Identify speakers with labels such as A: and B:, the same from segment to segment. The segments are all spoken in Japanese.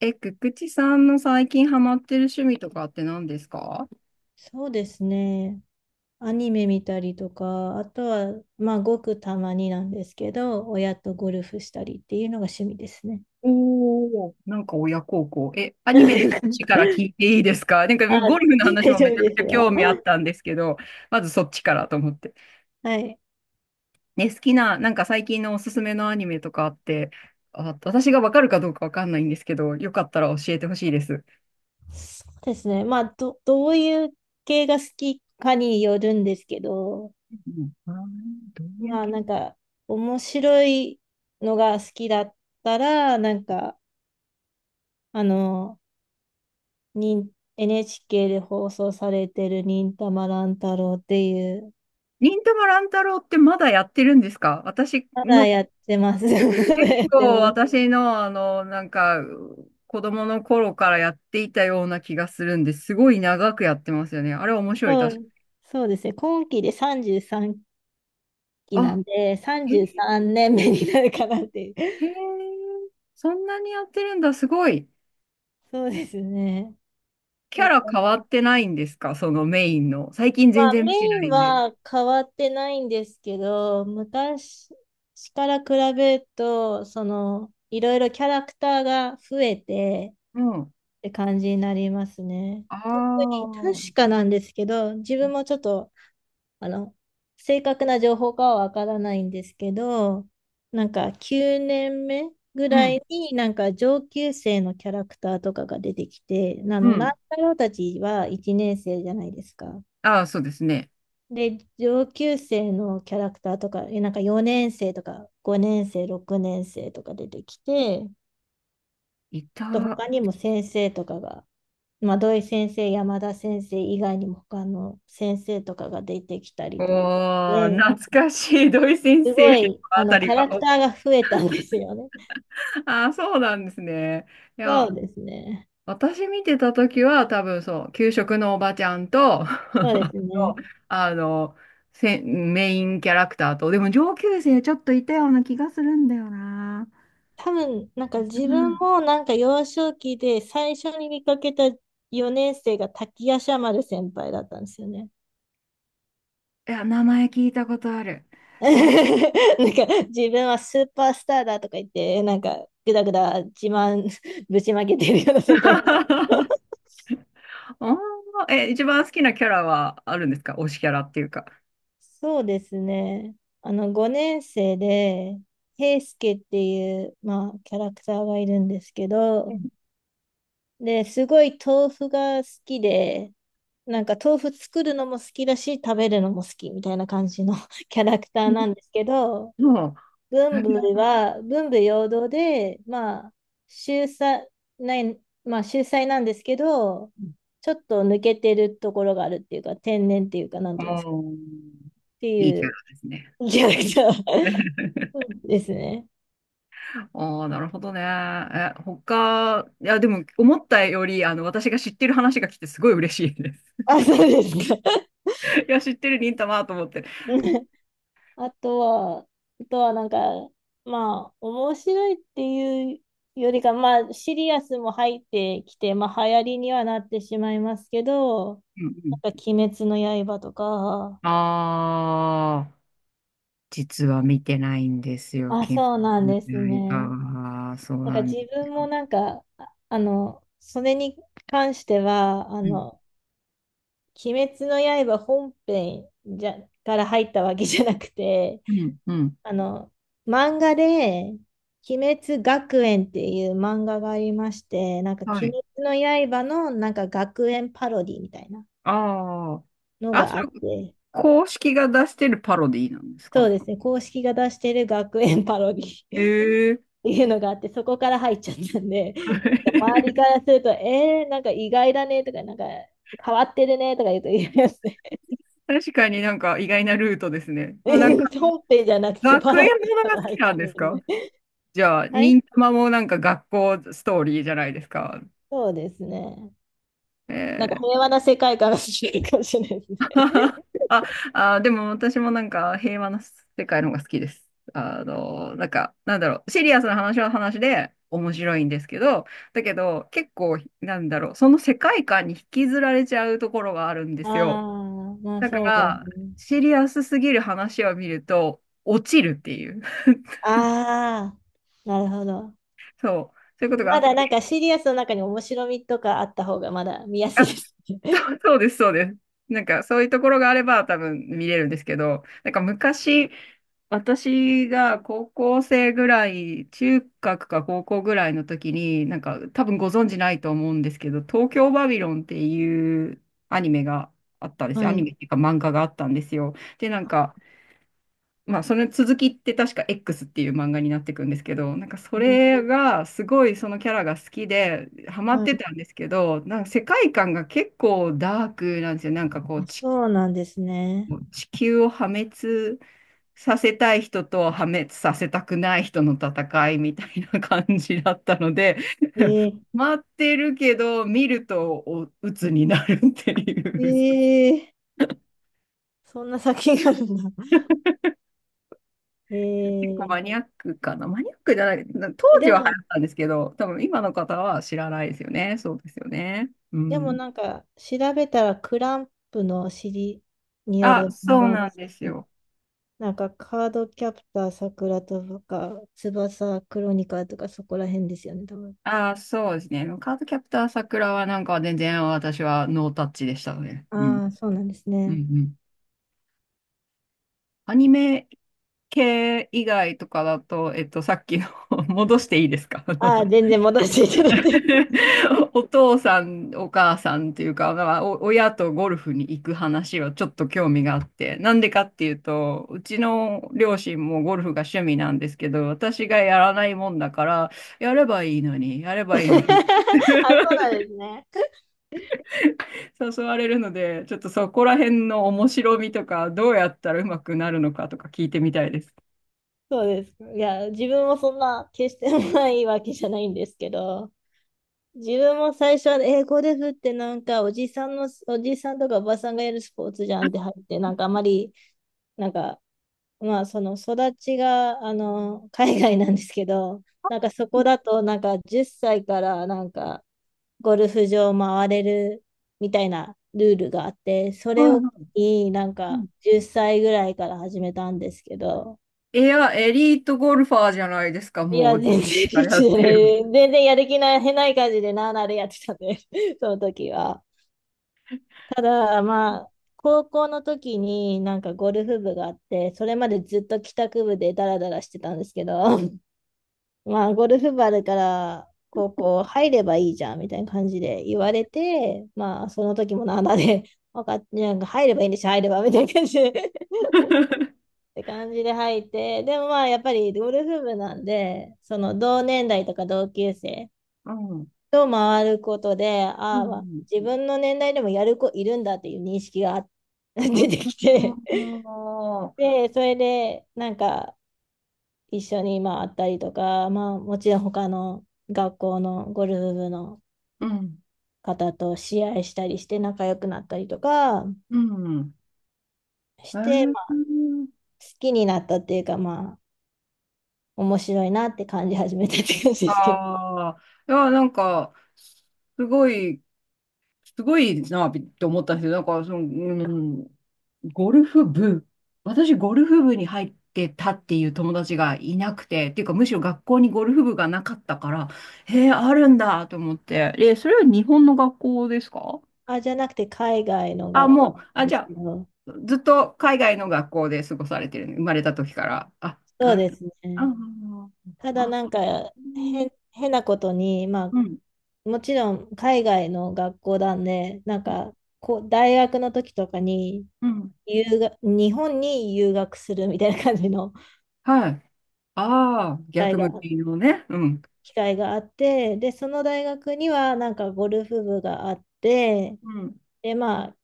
A: え、くくちさんの最近ハマってる趣味とかって何ですか？
B: そうですね。アニメ見たりとか、あとは、まあ、ごくたまになんですけど、親とゴルフしたりっていうのが趣味ですね。
A: おー、なんか親孝行。え、アニメの話から 聞いていいですか？なんか
B: あ、
A: ゴルフの話
B: 大
A: も
B: 丈
A: め
B: 夫
A: ちゃく
B: で
A: ち
B: す
A: ゃ興
B: よ。
A: 味あったんですけど、まずそっちからと思って。
B: はい。
A: ね、好きな、なんか最近のおすすめのアニメとかあって、あ、私がわかるかどうかわかんないんですけど、よかったら教えてほしいです。
B: そうですね。まあ、どういう系が好きかによるんですけど、
A: うん、あー、どういう
B: まあ、
A: 系？
B: 面白いのが好きだったら、あの、に NHK で放送されてる忍たま乱太郎っていう、
A: 忍たま乱太郎ってまだやってるんですか？私
B: まだ
A: の
B: やってます。まだ
A: 結
B: やって
A: 構
B: ます。
A: 私のなんか、子供の頃からやっていたような気がするんですごい長くやってますよね。あれ面白い、
B: そ
A: 確か。
B: う、そうですね。今期で33期な
A: あ、
B: んで、
A: へえ。
B: 33年目になるかなっていう。
A: へ え、そんなにやってるんだ、すごい。
B: そうですね。
A: キャ
B: と
A: ラ
B: か、
A: 変わってないんですか、そのメインの。最近
B: ま
A: 全
B: あ
A: 然
B: メ
A: 見て
B: イン
A: ないんで。
B: は変わってないんですけど、昔から比べると、いろいろキャラクターが増えて
A: うん。
B: って感じになりますね。
A: あ
B: 特に
A: あ。
B: 確かなんですけど、自分もちょっとあの、正確な情報かはわからないんですけど、なんか9年目ぐ
A: う
B: らい
A: ん、
B: になんか上級生のキャラクターとかが出てきて、
A: う
B: 乱
A: ん。
B: 太郎たちは1年生じゃないですか。
A: ああ、そうですね。
B: で、上級生のキャラクターとか、なんか4年生とか5年生、6年生とか出てきて、
A: い
B: と
A: た。
B: 他にも先生とかが、まあ、土井先生、山田先生以外にも他の先生とかが出てきた
A: お
B: りとか
A: ー、
B: で、
A: 懐かしい、土井先
B: す
A: 生
B: ご
A: の
B: い、
A: あたり
B: キャラク
A: は。
B: ターが増えたんですよね。
A: ああ、そうなんですね。い
B: そ
A: や、
B: うですね。
A: 私見てた時は多分そう、給食のおばちゃんと、
B: そうですね。
A: あの、せメインキャラクターと、でも上級生ちょっといたような気がするんだよな。
B: 多分、なんか
A: う
B: 自分
A: ん。
B: もなんか幼少期で最初に見かけた4年生が滝夜叉丸先輩だったんですよね。
A: いや、名前聞いたことある。
B: なんか自分はスーパースターだとか言って、なんかぐだぐだ自慢 ぶちまけてるような先輩。
A: おー、え、一番好きなキャラはあるんですか？推しキャラっていうか。
B: そうですね。あの、5年生で、平助っていう、まあ、キャラクターがいるんですけ
A: う
B: ど、
A: ん、
B: で、すごい豆腐が好きで、なんか豆腐作るのも好きだし、食べるのも好きみたいな感じの キャラクターなんですけど、
A: そう。えー、
B: 文武両道で、まあ、秀才、ない、まあ、秀才なんですけど、ちょっと抜けてるところがあるっていうか、天然っていうか、なんていうんですか、
A: もうん、
B: って
A: いいキ
B: い
A: ャラ
B: う
A: ですね。
B: キャラクタ ー ですね。
A: ああ、なるほどね。え、他、いや、でも、思ったより、私が知ってる話が来て、すごい嬉しいです。
B: あ、そうですか。
A: いや、知ってる忍たまと思って。
B: あとは、あとはなんか、まあ、面白いっていうよりか、まあ、シリアスも入ってきて、まあ、流行りにはなってしまいますけど、
A: うんうん。
B: 鬼滅の刃とか。
A: ああ、実は見てないんですよ、
B: あ、
A: 金
B: そうなん
A: の
B: です
A: 刃
B: ね。
A: は。そうなんで
B: 自
A: す
B: 分も
A: よ。
B: なんか、それに関しては、
A: うん、
B: 鬼滅の刃本編じゃ、から入ったわけじゃなくて、
A: うん、うん。
B: あの、漫画で、鬼滅学園っていう漫画がありまして、なんか
A: は
B: 鬼
A: い。
B: 滅の刃のなんか学園パロディみたいな
A: あ
B: の
A: あ。あ、そ
B: があっ
A: れ、
B: て、
A: 公式が出してるパロディなんです
B: そ
A: か？
B: うですね、公式が出してる学園パロディ
A: え
B: っ
A: えー。
B: ていうのがあって、そこから入っちゃったんで、なんか周りか らすると、なんか意外だねとか、なんか変わってるねとか言うと言いますね。
A: 確かになんか意外なルートですね。もうなんか
B: 本編じゃなくてパ
A: 学
B: ロ
A: 園
B: デ
A: も
B: ィ
A: の
B: か
A: が好
B: ら入
A: き
B: っ
A: なん
B: て
A: です
B: るん
A: か？
B: で。
A: じゃあ、
B: はい、
A: 忍たまもなんか学校ストーリーじゃないですか。
B: そうですね。なんか
A: えー。
B: 平和な世界観が好きかもしれないですね。
A: あ、あ、でも私もなんか平和な世界の方が好きです。なんか、なんだろう、シリアスな話は話で面白いんですけど、だけど結構、なんだろう、その世界観に引きずられちゃうところがあるんで
B: あ
A: すよ。
B: あ、まあ
A: だか
B: そうで
A: ら、
B: すね。
A: シリアスすぎる話を見ると、落ちるっていう。
B: ああ、なるほど。
A: そう、そういうことがあ
B: ま
A: っ
B: だなんか
A: て。
B: シリアスの中に面白みとかあった方がまだ見やすいですね。
A: そうそうです、そうです。なんかそういうところがあれば多分見れるんですけど、なんか昔、私が高校生ぐらい、中学か高校ぐらいの時に、なんか多分ご存知ないと思うんですけど、東京バビロンっていうアニメがあったんです
B: は
A: よ。アニ
B: い。
A: メっていうか漫画があったんですよ。で、なんか、まあ、その続きって確か X っていう漫画になっていくんですけど、なんかそ
B: うん、
A: れがすごいそのキャラが好きでハマっ
B: は
A: て
B: い。
A: たんですけど、なんか世界観が結構ダークなんですよ。なんかこう
B: あ、
A: ち
B: そうなんですね。
A: 地球を破滅させたい人と破滅させたくない人の戦いみたいな感じだったので、
B: え
A: 待ってるけど見るとお鬱になるってい
B: ー、
A: う。
B: えー、そんな作品があるんだ。え
A: 結構
B: ー、
A: マニアックかな。マニアックじゃない、な当
B: え
A: 時
B: で
A: は流行
B: も、
A: ったんですけど、多分今の方は知らないですよね。そうですよね。う
B: でも
A: ん。
B: なんか調べたらクランプの尻によ
A: あ、
B: る漫
A: そう
B: 画で
A: なん
B: す
A: です
B: ね。
A: よ。
B: なんかカードキャプターさくらとか翼クロニカルとかそこら辺ですよね、多分。
A: あ、そうですね。カードキャプター桜はなんか全然私はノータッチでしたね。うん。
B: ああ、そうなんです
A: うんう
B: ね。
A: ん。アニメ系以外とかだと、えっと、さっきの 戻していいですか？あの
B: ああ、全然戻していただいて。
A: お父さん、お母さんっていうか、まあ、お親とゴルフに行く話はちょっと興味があって、なんでかっていうと、うちの両親もゴルフが趣味なんですけど、私がやらないもんだから、やればいいのに、やれ
B: あ、
A: ば
B: そ
A: いいのに、
B: うなんですね。
A: 誘われるので、ちょっとそこら辺の面白みとか、どうやったらうまくなるのかとか聞いてみたいです。
B: そうですか。いや、自分もそんな決してないわけじゃないんですけど、自分も最初は英語で振ってなんかおじさんとかおばさんがやるスポーツじゃんって入って、なんかあまり、なんか、まあその育ちが、海外なんですけど、なんかそこだとなんか10歳からなんかゴルフ場回れるみたいなルールがあって、そ
A: は
B: れ
A: い
B: を
A: はい。
B: になん
A: う
B: か
A: ん。
B: 10歳ぐらいから始めたんですけど、
A: いや、エリートゴルファーじゃないですか、
B: い
A: も
B: や、
A: う、
B: 全然リ
A: あれ
B: ッチ
A: や
B: じ
A: っ
B: ゃ
A: て
B: な
A: る。
B: い。全然やる気ない、変ない感じでなあなあでやってたね、その時は。ただ、まあ、高校の時になんかゴルフ部があって、それまでずっと帰宅部でダラダラしてたんですけど、まあ、ゴルフ部あるから、高校入ればいいじゃん、みたいな感じで言われて、まあ、その時もなんだで、分かっなんか入ればいいんでしょ、入れば、みたいな感じで っ て感じで入って、でもまあ、やっぱりゴルフ部なんで、その同年代とか同級生
A: うん。うん
B: と回ることで、
A: う
B: ああ、まあ、
A: ん。
B: 自分の年代でもやる子いるんだっていう認識があ
A: お
B: 出てきて、
A: ー。
B: で、それで、なんか、一緒にまあ会ったりとか、まあ、もちろん学校のゴルフ部の
A: うん、
B: 方と試合したりして仲良くなったりとか
A: うん。
B: し
A: え
B: て、まあ、
A: ー、
B: 好きになったっていうか、まあ、面白いなって感じ始めたって感じですけど、
A: ああ、いや、なんか、すごい、すごいなって思ったんですよ。なんか、その、うん、ゴルフ部、私、ゴルフ部に入ってたっていう友達がいなくて、っていうか、むしろ学校にゴルフ部がなかったから、へえ、あるんだと思って。え、それは日本の学校ですか？
B: あ、じゃなくて海外の
A: あ、
B: 学校
A: もう、
B: なん
A: あ、
B: で
A: じ
B: す
A: ゃあ、
B: けど、
A: ずっと海外の学校で過ごされてる、生まれた時から。あ、
B: そ
A: な
B: う
A: る。
B: です
A: あ
B: ね。た
A: あ、
B: だ
A: あ、
B: なんか
A: うん
B: 変なことに、ま
A: うん、
B: あ、もちろん海外の学校なんで、なんかこう大学の時とかに、
A: うん。
B: 日本に留学するみたいな感じの
A: はい。ああ、
B: 会
A: 逆
B: が
A: 向
B: あっ
A: きのね。うん。
B: 機会があって、で、その大学にはなんかゴルフ部があって、
A: うん。
B: で、まあ、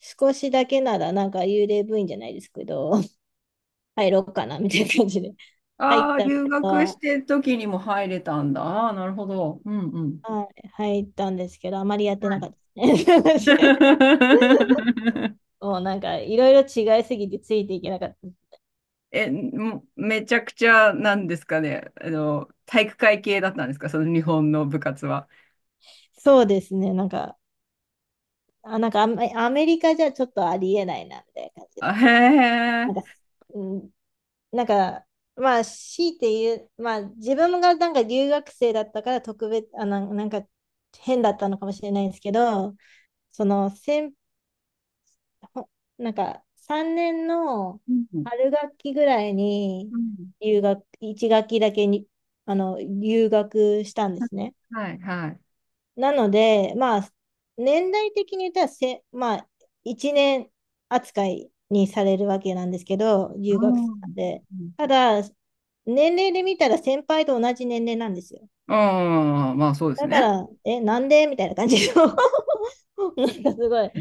B: 少しだけならなんか幽霊部員じゃないですけど、入ろうかなみたいな感じで入っ
A: ああ、
B: たの
A: 留学し
B: は
A: てる時にも入れたんだ。ああ、なるほど。うんうん。
B: はい、入ったんですけど、あまりやって
A: は
B: な
A: い。
B: かったですね。もうなんかいろいろ違いすぎてついていけなかった。
A: え、もうめちゃくちゃ、なんですかね。体育会系だったんですか、その日本の部活は。
B: そうですね、なんかアメリカじゃちょっとありえないなみたいな感じの、
A: あ、へ
B: な
A: え。
B: んか、うんなんか、まあ、強いて言う、まあ、自分がなんか留学生だったから特別、なんか変だったのかもしれないんですけど、その、先ほなんか3年の
A: うん
B: 春学期ぐらいに
A: うん。
B: 留学、1学期だけに、あの、留学したんですね。
A: はい、はい。
B: なので、まあ、年代的に言ったら、まあ、1年扱いにされるわけなんですけど、留
A: う
B: 学生
A: ん。
B: で。
A: う
B: ただ、年齢で見たら先輩と同じ年齢なんですよ。
A: ん。まあ、そうです
B: だか
A: ね。
B: ら、え、なんでみたいな感じの なんかすごい。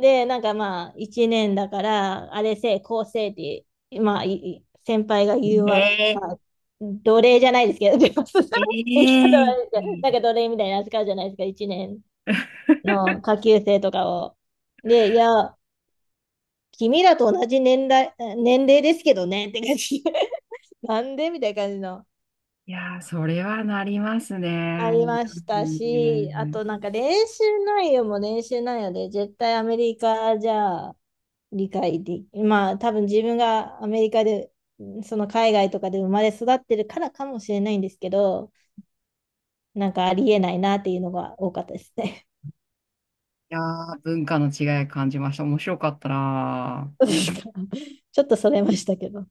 B: で、なんかまあ、1年だから、あれせい、こうせいって、まあ、先輩が言う
A: え
B: わ、
A: え、
B: まあ、奴隷じゃないですけど、言い
A: え
B: 方悪いですけどなんか
A: え。
B: 奴隷みたいな扱いじゃないですか、1年の 下級生とかを。で、いや、君らと同じ年齢ですけどねって感じ。なんでみたいな感じの。
A: いやー、それはなります
B: あり
A: ね。
B: まし
A: う
B: たし、あと
A: ん。
B: なんか練習内容も練習内容で、絶対アメリカじゃ理解でき、まあ多分自分がアメリカで、その海外とかで生まれ育ってるからかもしれないんですけど、なんかありえないなっていうのが多かったですね。
A: いやー、文化の違い感じました。面白かったなー。
B: ちょっとそれましたけど。